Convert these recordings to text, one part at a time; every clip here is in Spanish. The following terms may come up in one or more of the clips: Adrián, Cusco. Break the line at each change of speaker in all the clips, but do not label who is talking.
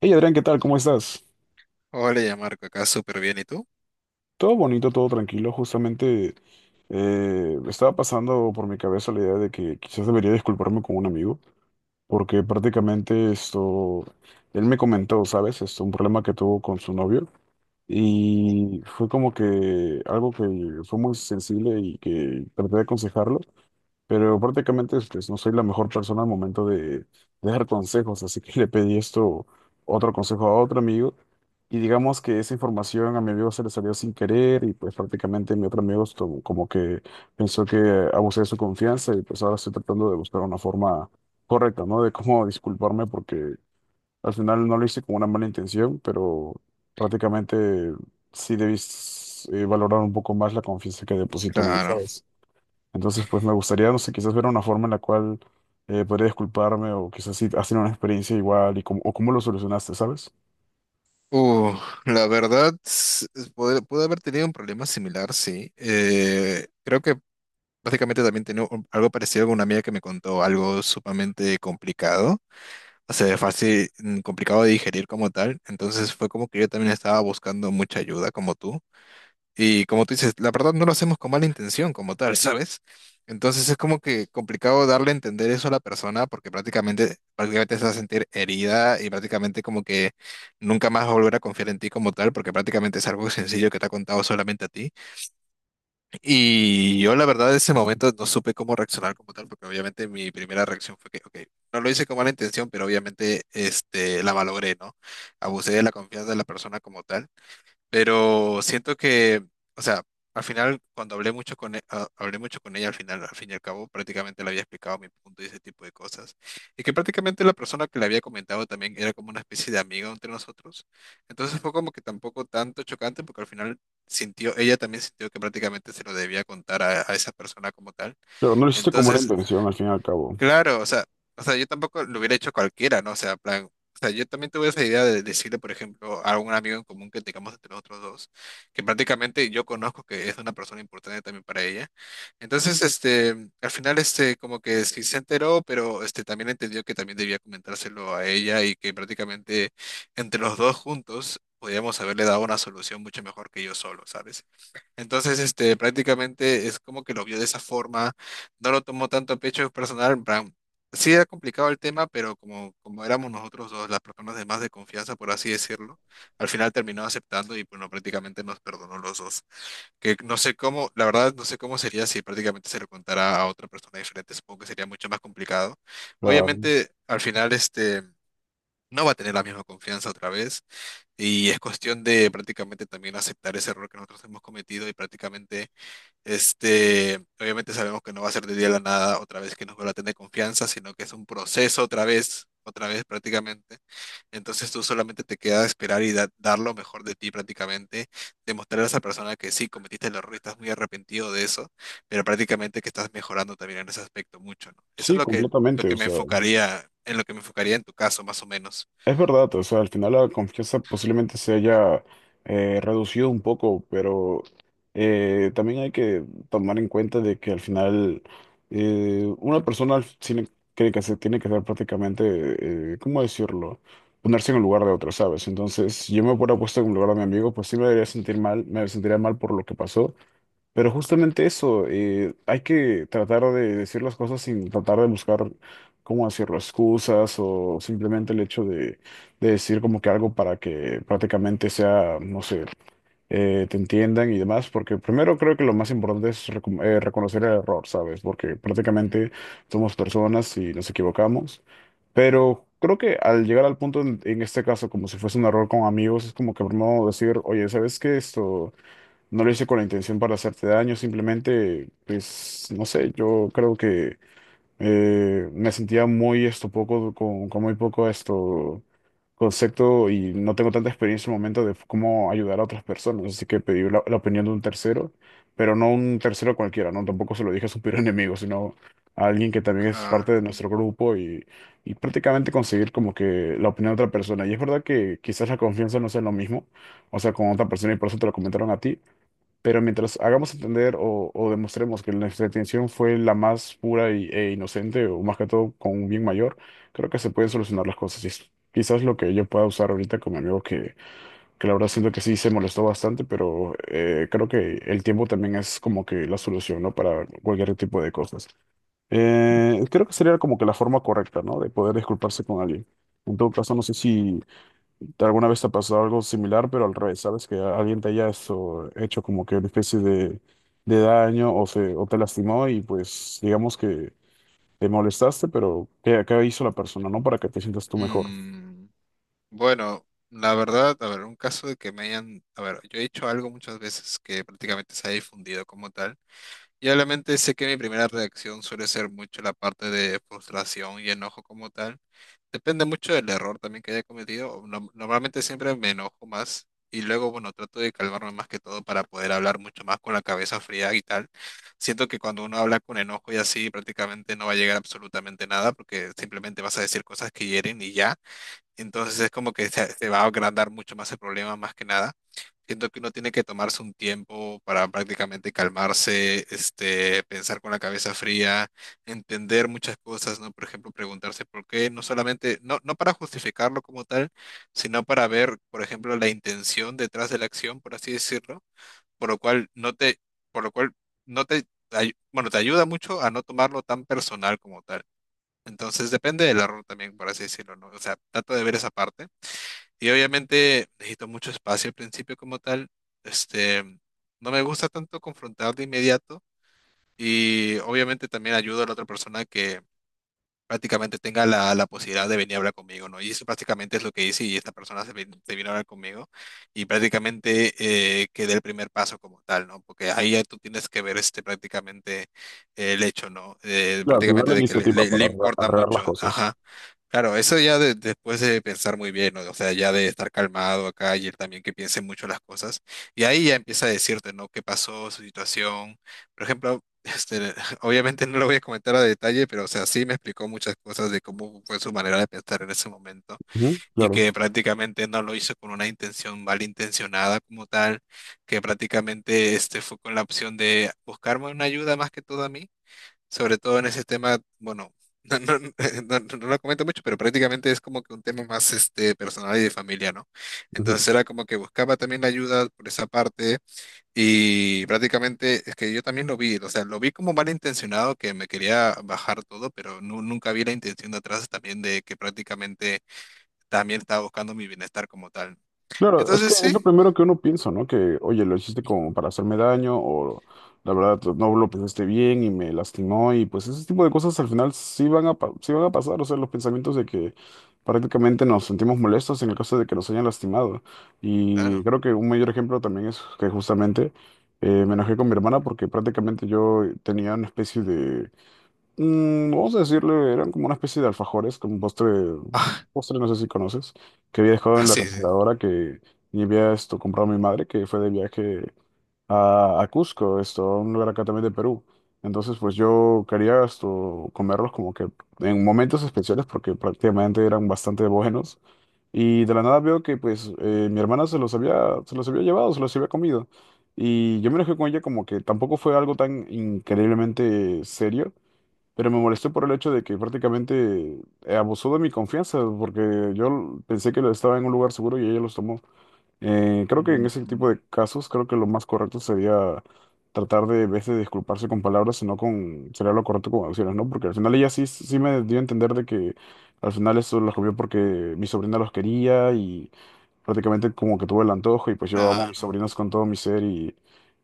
Hey Adrián, ¿qué tal? ¿Cómo estás?
Hola, ya Marco, acá súper bien, ¿y tú?
Todo bonito, todo tranquilo. Justamente estaba pasando por mi cabeza la idea de que quizás debería disculparme con un amigo, porque prácticamente esto, él me comentó, ¿sabes? Esto, un problema que tuvo con su novio
Uh,
y fue como que algo que fue muy sensible y que traté de aconsejarlo. Pero prácticamente pues, no soy la mejor persona al momento de dar consejos, así que le pedí esto, otro consejo a otro amigo, y digamos que esa información a mi amigo se le salió sin querer, y pues prácticamente mi otro amigo estuvo como que pensó que abusé de su confianza, y pues ahora estoy tratando de buscar una forma correcta, ¿no? De cómo disculparme, porque al final no lo hice con una mala intención, pero prácticamente sí debí, valorar un poco más la confianza que deposito en mí,
claro.
¿sabes? Entonces, pues me gustaría, no sé, quizás ver una forma en la cual podría disculparme, o quizás si has tenido una experiencia igual y cómo, o cómo lo solucionaste, ¿sabes?
Uh, la verdad, pude haber tenido un problema similar, sí. Creo que básicamente también tenía algo parecido con una amiga que me contó algo sumamente complicado, o sea, fácil, complicado de digerir como tal. Entonces fue como que yo también estaba buscando mucha ayuda como tú. Y como tú dices, la verdad no lo hacemos con mala intención como tal, ¿sabes? Entonces es como que complicado darle a entender eso a la persona porque prácticamente se va a sentir herida y prácticamente como que nunca más va a volver a confiar en ti como tal porque prácticamente es algo sencillo que te ha contado solamente a ti. Y yo la verdad en ese momento no supe cómo reaccionar como tal porque obviamente mi primera reacción fue que, ok, no lo hice con mala intención, pero obviamente este, la malogré, ¿no? Abusé de la confianza de la persona como tal. Pero siento que, o sea, al final, cuando hablé mucho con, hablé mucho con ella, al final, al fin y al cabo, prácticamente le había explicado mi punto y ese tipo de cosas. Y que prácticamente la persona que le había comentado también era como una especie de amiga entre nosotros. Entonces fue como que tampoco tanto chocante, porque al final sintió, ella también sintió que prácticamente se lo debía contar a esa persona como tal.
Pero no lo hiciste como la
Entonces
intención al fin y al cabo.
claro, o sea, yo tampoco lo hubiera hecho cualquiera, ¿no? O sea, plan, o sea, yo también tuve esa idea de decirle, por ejemplo, a un amigo en común que tengamos entre nosotros dos, que prácticamente yo conozco que es una persona importante también para ella. Entonces, este, al final, este, como que sí se enteró, pero este también entendió que también debía comentárselo a ella y que prácticamente entre los dos juntos podíamos haberle dado una solución mucho mejor que yo solo, ¿sabes? Entonces, este, prácticamente es como que lo vio de esa forma, no lo tomó tanto a pecho personal. En plan, sí era complicado el tema, pero como éramos nosotros dos las personas de más de confianza, por así decirlo, al final terminó aceptando y bueno, prácticamente nos perdonó los dos. Que no sé cómo, la verdad no sé cómo sería si prácticamente se lo contara a otra persona diferente, supongo que sería mucho más complicado.
Claro.
Obviamente, al final este no va a tener la misma confianza otra vez y es cuestión de prácticamente también aceptar ese error que nosotros hemos cometido y prácticamente este, obviamente sabemos que no va a ser de día a la nada otra vez que nos vuelva a tener confianza, sino que es un proceso otra vez prácticamente. Entonces tú solamente te queda esperar y dar lo mejor de ti prácticamente, demostrar a esa persona que sí cometiste el error y estás muy arrepentido de eso, pero prácticamente que estás mejorando también en ese aspecto mucho, ¿no? Eso es
Sí,
lo
completamente,
que
o
me
sea.
enfocaría, en lo que me enfocaría en tu caso, más o menos.
Es verdad, o sea, al final la confianza posiblemente se haya reducido un poco, pero también hay que tomar en cuenta de que al final, una persona tiene que, se tiene que ser prácticamente, ¿cómo decirlo? Ponerse en el lugar de otro, ¿sabes? Entonces, si yo me hubiera puesto en el lugar de mi amigo, pues sí me debería sentir mal, me sentiría mal por lo que pasó, pero justamente eso, hay que tratar de decir las cosas sin tratar de buscar cómo decirlo, excusas o simplemente el hecho de decir como que algo para que prácticamente sea, no sé, te entiendan y demás, porque primero creo que lo más importante es reconocer el error, ¿sabes? Porque
Ujú.
prácticamente somos personas y nos equivocamos, pero creo que al llegar al punto, en este caso, como si fuese un error con amigos, es como que primero decir, oye, ¿sabes qué esto? No lo hice con la intención para hacerte daño, simplemente, pues, no sé, yo creo que me sentía muy esto poco, con muy poco esto concepto, y no tengo tanta experiencia en el momento de cómo ayudar a otras personas, así que pedí la opinión de un tercero, pero no un tercero cualquiera, ¿no? Tampoco se lo dije a su peor enemigo, sino a alguien que también es parte de
Claro.
nuestro grupo, y prácticamente conseguir como que la opinión de otra persona. Y es verdad que quizás la confianza no sea lo mismo, o sea, con otra persona y por eso te lo comentaron a ti. Pero mientras hagamos entender o demostremos que nuestra intención fue la más pura y- e inocente, o más que todo con un bien mayor, creo que se pueden solucionar las cosas. Y es quizás lo que yo pueda usar ahorita con mi amigo, que la verdad siento que sí se molestó bastante, pero creo que el tiempo también es como que la solución, ¿no? Para cualquier tipo de cosas. Creo que sería como que la forma correcta, ¿no? De poder disculparse con alguien. En todo caso, no sé si, ¿alguna vez te ha pasado algo similar, pero al revés? ¿Sabes? Que alguien te haya hecho como que una especie de daño, o, se, o te lastimó y pues digamos que te molestaste, pero ¿qué, qué hizo la persona, no? Para que te sientas tú mejor.
Mm. Bueno, la verdad, a ver, un caso de que me hayan, a ver, yo he hecho algo muchas veces que prácticamente se ha difundido como tal, y obviamente sé que mi primera reacción suele ser mucho la parte de frustración y enojo como tal. Depende mucho del error también que haya cometido. O no- Normalmente siempre me enojo más y luego, bueno, trato de calmarme más que todo para poder hablar mucho más con la cabeza fría y tal. Siento que cuando uno habla con enojo y así, prácticamente no va a llegar absolutamente nada porque simplemente vas a decir cosas que hieren y ya. Entonces es como que se va a agrandar mucho más el problema, más que nada. Siento que uno tiene que tomarse un tiempo para prácticamente calmarse, este, pensar con la cabeza fría, entender muchas cosas, ¿no? Por ejemplo, preguntarse por qué, no solamente, no para justificarlo como tal, sino para ver, por ejemplo, la intención detrás de la acción, por así decirlo, por lo cual no te, por lo cual no te, bueno, te ayuda mucho a no tomarlo tan personal como tal. Entonces depende del error también, por así decirlo, ¿no? O sea, trato de ver esa parte y obviamente necesito mucho espacio al principio como tal. Este, no me gusta tanto confrontar de inmediato y obviamente también ayudo a la otra persona que prácticamente tenga la posibilidad de venir a hablar conmigo, ¿no? Y eso prácticamente es lo que hice y esta persona se vino a hablar conmigo y prácticamente que dé el primer paso como tal, ¿no? Porque ahí ya tú tienes que ver este prácticamente el hecho, ¿no?
Claro, tener
Prácticamente
la
de que
iniciativa
le
para
importa
arreglar
mucho,
las cosas.
ajá. Claro, eso ya después de pensar muy bien, ¿no? O sea, ya de estar calmado acá y él también que piense mucho las cosas. Y ahí ya empieza a decirte, ¿no? ¿Qué pasó, su situación? Por ejemplo, este, obviamente no lo voy a comentar a detalle, pero o sea, sí me explicó muchas cosas de cómo fue su manera de pensar en ese momento
Ujú,
y
claro.
que prácticamente no lo hizo con una intención malintencionada como tal, que prácticamente este fue con la opción de buscarme una ayuda más que todo a mí, sobre todo en ese tema, bueno, no lo comento mucho, pero prácticamente es como que un tema más este personal y de familia, ¿no?
Ujú.
Entonces era como que buscaba también la ayuda por esa parte y prácticamente es que yo también lo vi, o sea, lo vi como malintencionado que me quería bajar todo, pero nunca vi la intención de atrás también de que prácticamente también estaba buscando mi bienestar como tal.
Claro, es que
Entonces
es
sí,
lo primero que uno piensa, ¿no? Que, oye, lo hiciste como para hacerme daño, o la verdad no lo pensaste bien y me lastimó, y pues ese tipo de cosas al final sí van a, sí van a pasar, o sea, los pensamientos de que prácticamente nos sentimos molestos en el caso de que nos hayan lastimado. Y
claro.
creo que un mayor ejemplo también es que justamente me enojé con mi hermana porque prácticamente yo tenía una especie de... Mm, vamos a decirle, eran como una especie de alfajores, como postre,
Ah,
postre no sé si conoces, que había dejado
ah,
en la
sí, sí.
refrigeradora, que y había esto comprado mi madre, que fue de viaje a Cusco, esto, a un lugar acá también de Perú. Entonces, pues yo quería esto, comerlos como que en momentos especiales porque prácticamente eran bastante buenos. Y de la nada veo que pues mi hermana se los había llevado, se los había comido. Y yo me enojé con ella, como que tampoco fue algo tan increíblemente serio. Pero me molestó por el hecho de que prácticamente abusó de mi confianza, porque yo pensé que lo estaba en un lugar seguro y ella los tomó. Creo que en
Ujú.
ese tipo de casos, creo que lo más correcto sería tratar de, en vez de disculparse con palabras, sino con, sería lo correcto con acciones, ¿no? Porque al final ella sí me dio a entender de que al final eso los comió porque mi sobrina los quería, prácticamente como que tuve el antojo, y pues yo amo a
No,
mis
no,
sobrinos con todo mi ser, y,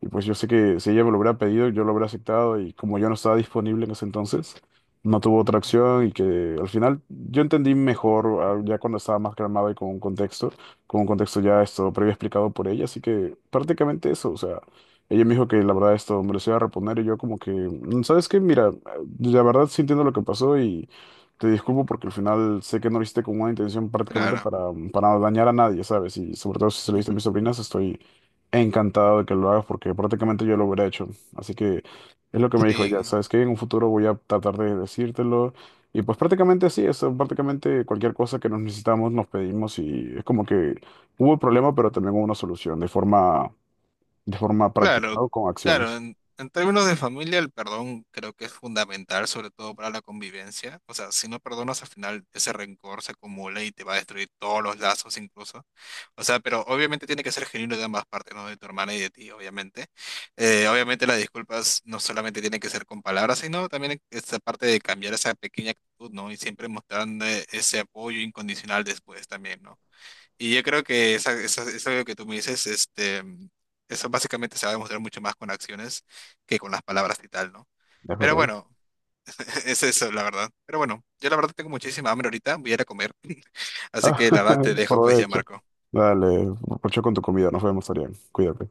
y pues yo sé que si ella me lo hubiera pedido, yo lo hubiera aceptado, y como yo no estaba disponible en ese entonces, no tuvo otra
ujú,
opción, y que al final yo entendí mejor ah, ya cuando estaba más calmado y con un contexto ya esto previo explicado por ella, así que prácticamente eso, o sea, ella me dijo que la verdad esto me lo iba a reponer, y yo como que, "Mm, ¿sabes qué? Mira, la verdad sí entiendo lo que pasó y... Te disculpo porque al final sé que no lo hiciste con una intención prácticamente
claro.
para dañar a nadie, ¿sabes? Y sobre todo si se lo diste a
Ujú.
mis sobrinas, estoy encantado de que lo hagas porque prácticamente yo lo hubiera hecho. Así que es lo que me dijo ella,
Sí.
¿sabes qué? En un futuro voy a tratar de decírtelo. Y pues prácticamente así, es prácticamente cualquier cosa que nos necesitamos, nos pedimos, y es como que hubo un problema, pero también hubo una solución de forma práctica,
Claro,
¿no? Con
claro,
acciones,
en términos de familia el perdón creo que es fundamental, sobre todo para la convivencia. O sea, si no perdonas al final ese rencor se acumula y te va a destruir todos los lazos incluso. O sea, pero obviamente tiene que ser genuino de ambas partes, ¿no? De tu hermana y de ti, obviamente. Obviamente las disculpas no solamente tienen que ser con palabras, sino también esta parte de cambiar esa pequeña actitud, ¿no? Y siempre mostrando ese apoyo incondicional después también, ¿no? Y yo creo que eso que tú me dices, este, eso básicamente se va a demostrar mucho más con acciones que con las palabras y tal, ¿no?
es
Pero
verdad.
bueno, es eso, la verdad. Pero bueno, yo la verdad tengo muchísima hambre ahorita, voy a ir a comer. Así que la verdad te dejo pues ya,
Provecho.
Marco.
Dale, provecho con tu comida, nos vemos, Arián, cuídate.